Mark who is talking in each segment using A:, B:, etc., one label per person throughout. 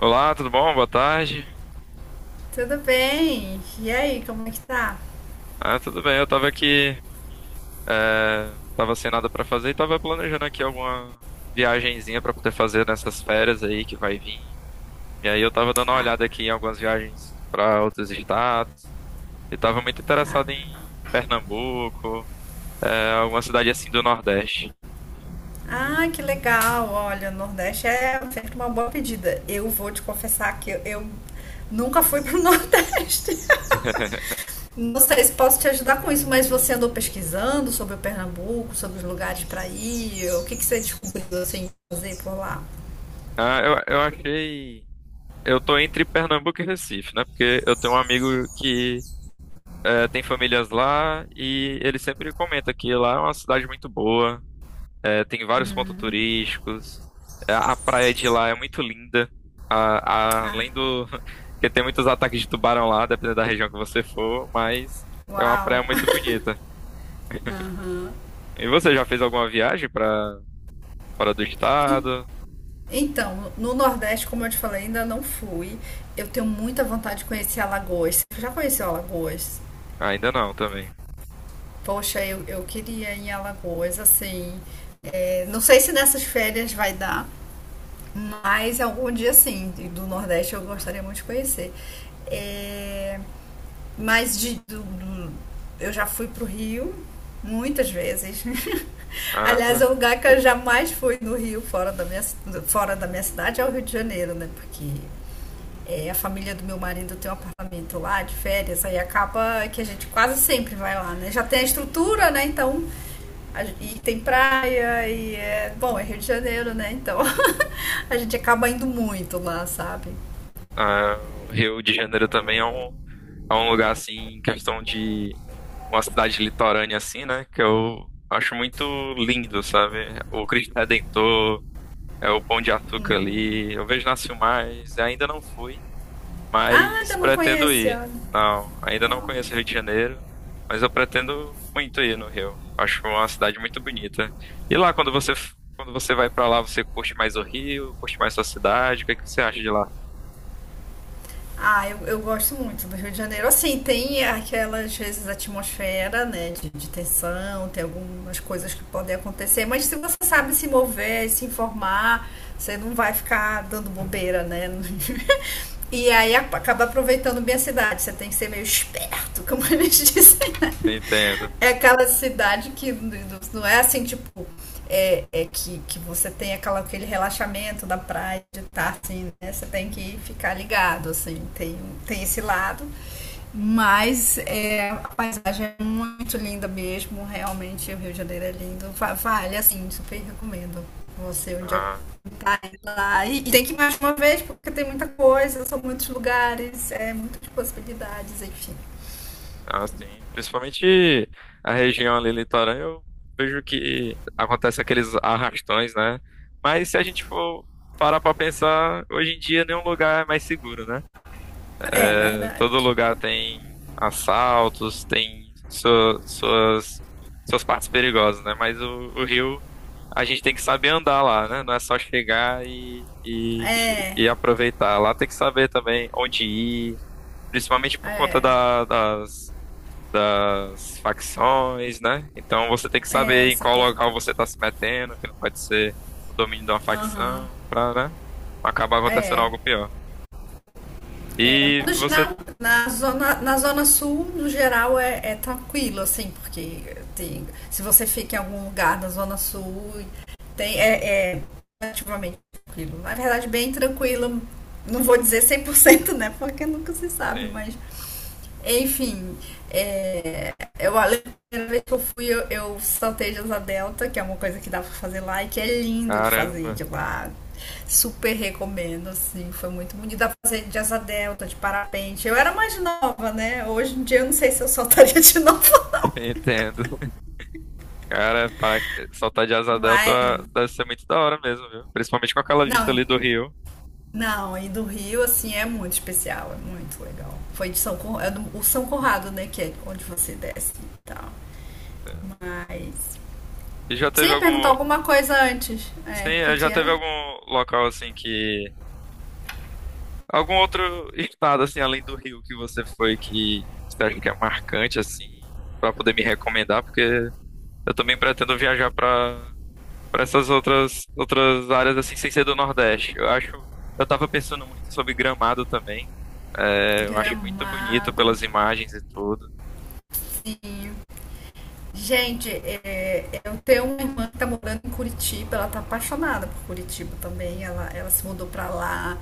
A: Olá, tudo bom? Boa tarde.
B: Tudo bem? E aí, como é que tá?
A: Ah, tudo bem. Eu tava aqui, tava sem nada pra fazer e tava planejando aqui alguma viagenzinha pra poder fazer nessas férias aí que vai vir. E aí eu tava dando uma olhada aqui em algumas viagens pra outros estados e tava muito interessado em Pernambuco, alguma cidade assim do Nordeste.
B: Ah, que legal! Olha, o Nordeste é sempre uma boa pedida. Eu vou te confessar que eu nunca fui pro Nordeste. Não sei se posso te ajudar com isso, mas você andou pesquisando sobre o Pernambuco, sobre os lugares para ir? O que que você descobriu assim fazer por lá?
A: Ah, eu achei. Eu tô entre Pernambuco e Recife, né? Porque eu tenho um amigo que tem famílias lá e ele sempre comenta que lá é uma cidade muito boa. É, tem vários pontos turísticos. É, a praia de lá é muito linda. Além do que tem muitos ataques de tubarão lá, dependendo da região que você for, mas é uma praia
B: Uau!
A: muito bonita.
B: Aham.
A: E você já fez alguma viagem para fora do estado?
B: Então, no Nordeste, como eu te falei, ainda não fui. Eu tenho muita vontade de conhecer Alagoas. Você já conheceu Alagoas?
A: Ainda não, também.
B: Poxa, eu queria ir em Alagoas, assim. Não sei se nessas férias vai dar, mas algum dia sim, do Nordeste eu gostaria muito de conhecer. É, mas eu já fui pro Rio muitas vezes. Aliás,
A: Caramba.
B: é o lugar que eu jamais fui no Rio, fora da minha cidade, é o Rio de Janeiro, né? Porque a família do meu marido tem um apartamento lá de férias, aí acaba que a gente quase sempre vai lá, né? Já tem a estrutura, né? Então, a e tem praia, Bom, é Rio de Janeiro, né? Então, a gente acaba indo muito lá, sabe?
A: Ah, o Rio de Janeiro também é é um lugar assim, em questão de uma cidade litorânea assim, né? Que eu acho muito lindo, sabe? O Cristo Redentor. É o Pão de Açúcar ali. Eu vejo nasceu mais. Ainda não fui,
B: Ah,
A: mas
B: ainda não
A: pretendo
B: conhece,
A: ir.
B: ah,
A: Não, ainda não conheço o Rio de Janeiro, mas eu pretendo muito ir no Rio. Acho uma cidade muito bonita. E lá, quando você vai pra lá, você curte mais o Rio, curte mais sua cidade? O que é que você acha de lá?
B: Ah, eu gosto muito do Rio de Janeiro. Assim, tem aquelas, às vezes, atmosfera, né, de tensão, tem algumas coisas que podem acontecer, mas se você sabe se mover, se informar, você não vai ficar dando bobeira, né? E aí acaba aproveitando bem a cidade. Você tem que ser meio esperto, como eles dizem, né?
A: Entendo.
B: É aquela cidade que não é assim, tipo, que você tem aquele relaxamento da praia de estar assim, né? Você tem que ficar ligado, assim, tem esse lado. Mas a paisagem é muito linda mesmo, realmente o Rio de Janeiro é lindo. Vale, assim, super recomendo você um dia
A: Ah.
B: tá lá. E tem que ir mais uma vez, porque tem muita coisa, são muitos lugares, é muitas possibilidades, enfim.
A: Ah, sim. Principalmente a região ali litorânea, eu vejo que acontece aqueles arrastões, né? Mas se a gente for parar pra pensar, hoje em dia nenhum lugar é mais seguro, né?
B: É
A: É,
B: verdade.
A: todo lugar tem assaltos, tem suas, suas partes perigosas, né? Mas o Rio, a gente tem que saber andar lá, né? Não é só chegar
B: É,
A: e aproveitar. Lá tem que saber também onde ir, principalmente por conta
B: é,
A: das das facções, né? Então você tem que
B: é
A: saber em
B: essa
A: qual
B: coisa
A: local
B: toda.
A: você está se metendo, que não pode ser o domínio de uma facção, pra, né? Não acabar acontecendo
B: É,
A: algo pior. E
B: No
A: você
B: geral, na zona sul, no geral, é tranquilo, assim, porque se você fica em algum lugar da zona sul, é relativamente tranquilo. Na verdade, bem tranquilo. Não vou dizer cem por cento, né? Porque nunca se sabe,
A: tem.
B: mas enfim, é, a primeira vez que eu fui, eu saltei de asa delta, que é uma coisa que dá pra fazer lá e que é lindo de fazer
A: Caramba,
B: de lá. Super recomendo, assim, foi muito bonito. Dá pra fazer de asa delta, de parapente. Eu era mais nova, né? Hoje em dia eu não sei se eu saltaria de novo.
A: entendo. Cara, para soltar de Asa Delta
B: mas.
A: deve ser muito da hora mesmo, viu? Principalmente com aquela vista
B: Não,
A: ali do rio.
B: não, e do Rio, assim, é muito especial, é muito legal. Foi de São Conrado, o São Conrado, né, que é onde você desce e tal.
A: Entendo.
B: Mas
A: E já
B: Você
A: teve
B: ia
A: algum.
B: perguntar alguma coisa antes.
A: Sim,
B: O que
A: é,
B: que
A: já teve
B: era?
A: algum local assim que. Algum outro estado, assim, além do Rio que você foi, que você acha que é marcante, assim, pra poder me recomendar? Porque eu também pretendo viajar pra para essas outras áreas, assim, sem ser do Nordeste. Eu acho, eu tava pensando muito sobre Gramado também. É, eu acho muito bonito
B: Gramado.
A: pelas imagens e tudo.
B: Sim. Gente, eu tenho uma irmã que tá morando em Curitiba, ela tá apaixonada por Curitiba também, ela se mudou pra lá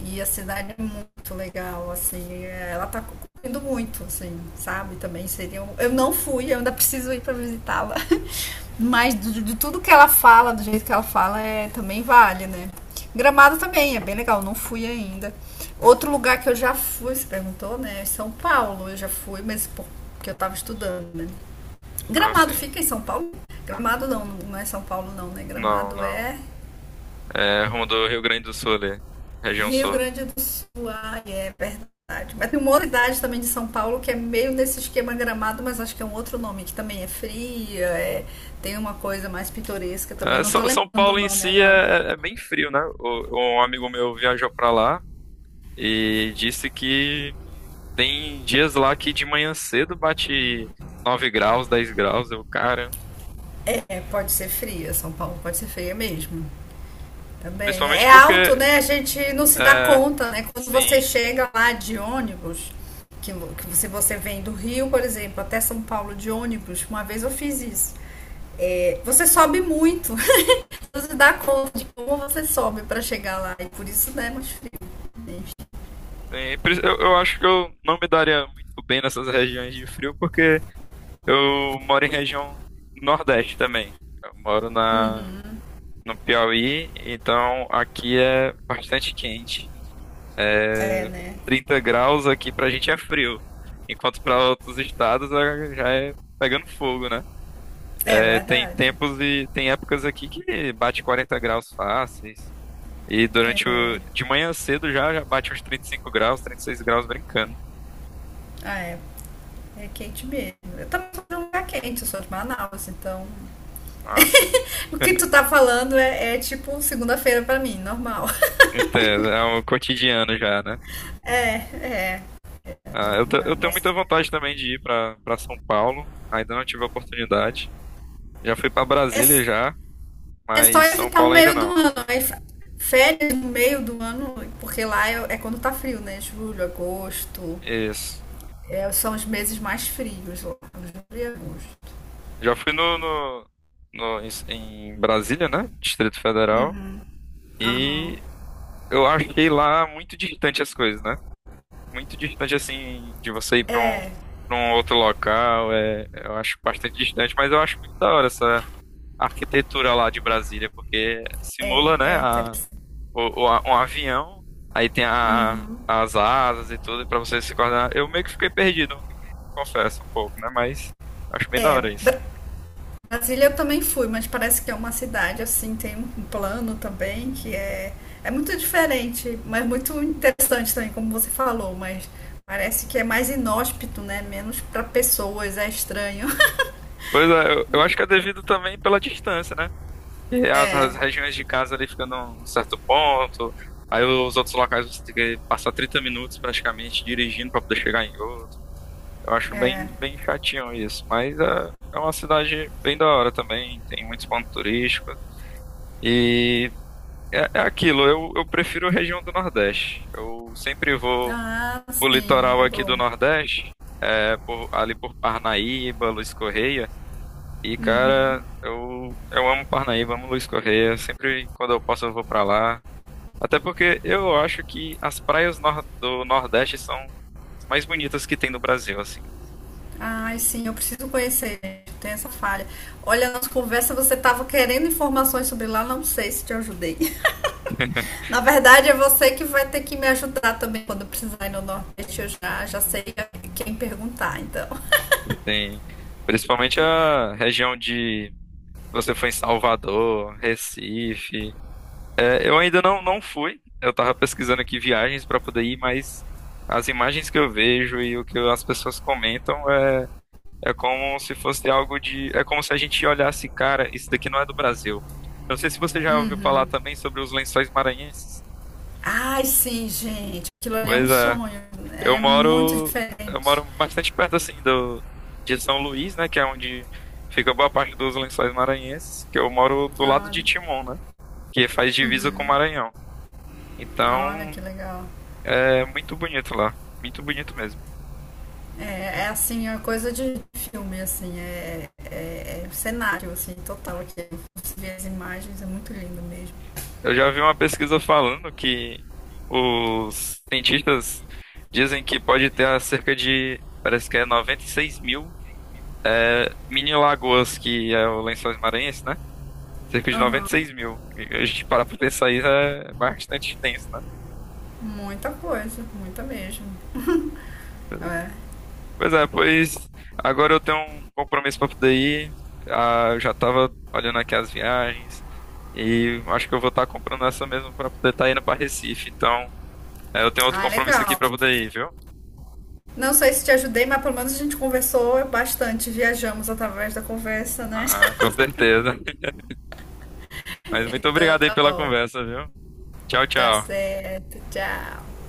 B: e a cidade é muito legal, assim, ela tá curtindo muito, assim, sabe? Também seria. Eu não fui, eu ainda preciso ir pra visitá-la. Mas de tudo que ela fala, do jeito que ela fala, também vale, né? Gramado também é bem legal, não fui ainda. Outro lugar que eu já fui, você perguntou, né? É São Paulo, eu já fui, mas porque eu tava estudando, né? Gramado
A: Assim,
B: fica em São Paulo? Gramado não, não é São Paulo não, né? Gramado
A: não.
B: é
A: É rumo do Rio Grande do Sul ali, região
B: Rio
A: sul.
B: Grande do Sul. Ah, é verdade. Mas tem uma outra cidade também de São Paulo que é meio nesse esquema Gramado, mas acho que é um outro nome, que também é fria, tem uma coisa mais pitoresca também.
A: É,
B: Não tô
A: São
B: lembrando o
A: Paulo em
B: nome
A: si
B: agora.
A: é bem frio, né? Um amigo meu viajou pra lá. E disse que tem dias lá que de manhã cedo bate 9 graus, 10 graus. Eu, cara,
B: É, pode ser fria, São Paulo pode ser feia mesmo. Também.
A: principalmente
B: É alto,
A: porque,
B: né? A gente não se dá
A: é,
B: conta, né? Quando você
A: sim,
B: chega lá de ônibus, que se você vem do Rio, por exemplo, até São Paulo de ônibus, uma vez eu fiz isso. É, você sobe muito. Você dá conta de como você sobe para chegar lá. E por isso não é mais frio. Né?
A: eu acho que eu não me daria muito bem nessas regiões de frio, porque eu moro em região Nordeste também. Eu moro no Piauí, então aqui é bastante quente.
B: É, né?
A: 30 graus aqui pra gente é frio, enquanto pra outros estados já é pegando fogo, né?
B: É
A: É, tem
B: verdade.
A: tempos e tem épocas aqui que bate 40 graus fáceis. E durante o. De manhã cedo já bate uns 35 graus, 36 graus brincando.
B: Ah, é. É quente mesmo. Eu também sou de um lugar quente, eu sou de Manaus, então.
A: Ah, sim.
B: O que tu tá falando é tipo segunda-feira para mim, normal.
A: Então, é um cotidiano já, né?
B: É, é.
A: Ah, eu tenho muita
B: Nossa,
A: vontade também de ir para São Paulo. Ainda não tive a oportunidade. Já fui para Brasília já,
B: é, é só
A: mas São
B: evitar o
A: Paulo ainda
B: meio do
A: não.
B: ano. Aí, férias no meio do ano, porque lá é quando tá frio, né? Julho, agosto.
A: Isso.
B: São os meses mais frios lá. Julho e agosto.
A: Já fui em Brasília, né? Distrito Federal.
B: Aham.
A: E eu achei lá muito distante as coisas, né? Muito distante assim de você ir para
B: É,
A: pra um outro local, é, eu acho bastante distante, mas eu acho muito da hora essa arquitetura lá de Brasília, porque
B: é,
A: simula, né,
B: é
A: a,
B: interessante.
A: o- a- um avião, aí tem as asas e tudo, para você se coordenar. Eu meio que fiquei perdido, confesso um pouco, né, mas acho bem da
B: É,
A: hora isso.
B: Brasília eu também fui, mas parece que é uma cidade assim, tem um plano também que é muito diferente, mas muito interessante também, como você falou, mas parece que é mais inóspito, né? Menos para pessoas, é estranho.
A: Pois é, eu acho que é devido também pela distância, né? E
B: É,
A: as regiões de casa ali ficando um certo ponto, aí os outros locais você tem que passar 30 minutos praticamente dirigindo para poder chegar em outro. Eu acho
B: É.
A: bem, bem chatinho isso, mas é uma cidade bem da hora também, tem muitos pontos turísticos. E é aquilo, eu prefiro a região do Nordeste. Eu sempre vou
B: Ah,
A: pro
B: sim,
A: litoral
B: é
A: aqui do
B: bom.
A: Nordeste, é, por- ali por Parnaíba, Luiz Correia. E, cara, eu amo Parnaíba, amo Luiz Correia. Sempre quando eu posso, eu vou pra lá. Até porque eu acho que as praias do Nordeste são as mais bonitas que tem no Brasil, assim.
B: Ai, sim, eu preciso conhecer, gente. Tem essa falha. Olha, a nossa conversa, você estava querendo informações sobre lá, não sei se te ajudei. Na verdade, é você que vai ter que me ajudar também quando eu precisar ir no Nordeste. Eu já sei quem perguntar, então.
A: Tem, principalmente a região de você foi em Salvador, Recife. É, eu ainda não fui. Eu tava pesquisando aqui viagens para poder ir, mas as imagens que eu vejo e o que as pessoas comentam é, é como se fosse algo de, é como se a gente olhasse, cara, isso daqui não é do Brasil. Eu não sei se você já ouviu falar
B: Uhum.
A: também sobre os Lençóis Maranhenses.
B: Ai, sim, gente, aquilo ali é um
A: Pois é.
B: sonho.
A: Eu
B: É muito
A: moro, eu
B: diferente.
A: moro bastante perto assim do de São Luís, né, que é onde fica boa parte dos Lençóis Maranhenses, que eu moro do lado
B: Olha,
A: de Timon, né, que faz divisa com o
B: uhum.
A: Maranhão.
B: Olha que
A: Então,
B: legal.
A: é muito bonito lá, muito bonito mesmo.
B: É assim, é uma coisa de filme, assim, é um cenário, assim, total aqui. Você vê as imagens, é muito lindo mesmo.
A: Eu já vi uma pesquisa falando que os cientistas dizem que pode ter cerca de, parece que é 96 mil mini lagoas, que é o Lençóis Maranhenses, né? Cerca de 96 mil. E a gente parar pra pensar isso é bastante extenso, né.
B: Muita coisa, muita mesmo. É.
A: Pois é, pois agora eu tenho um compromisso pra poder ir. Ah, eu já tava olhando aqui as viagens e acho que eu vou estar comprando essa mesmo pra poder estar indo pra Recife. Então, é, eu tenho outro
B: Ah,
A: compromisso aqui
B: legal.
A: pra poder ir, viu?
B: Não sei se te ajudei, mas pelo menos a gente conversou bastante, viajamos através da conversa, né?
A: Ah, com certeza. Mas muito
B: Então
A: obrigado aí
B: tá
A: pela
B: bom,
A: conversa, viu? Tchau,
B: tá
A: tchau.
B: certo, tchau.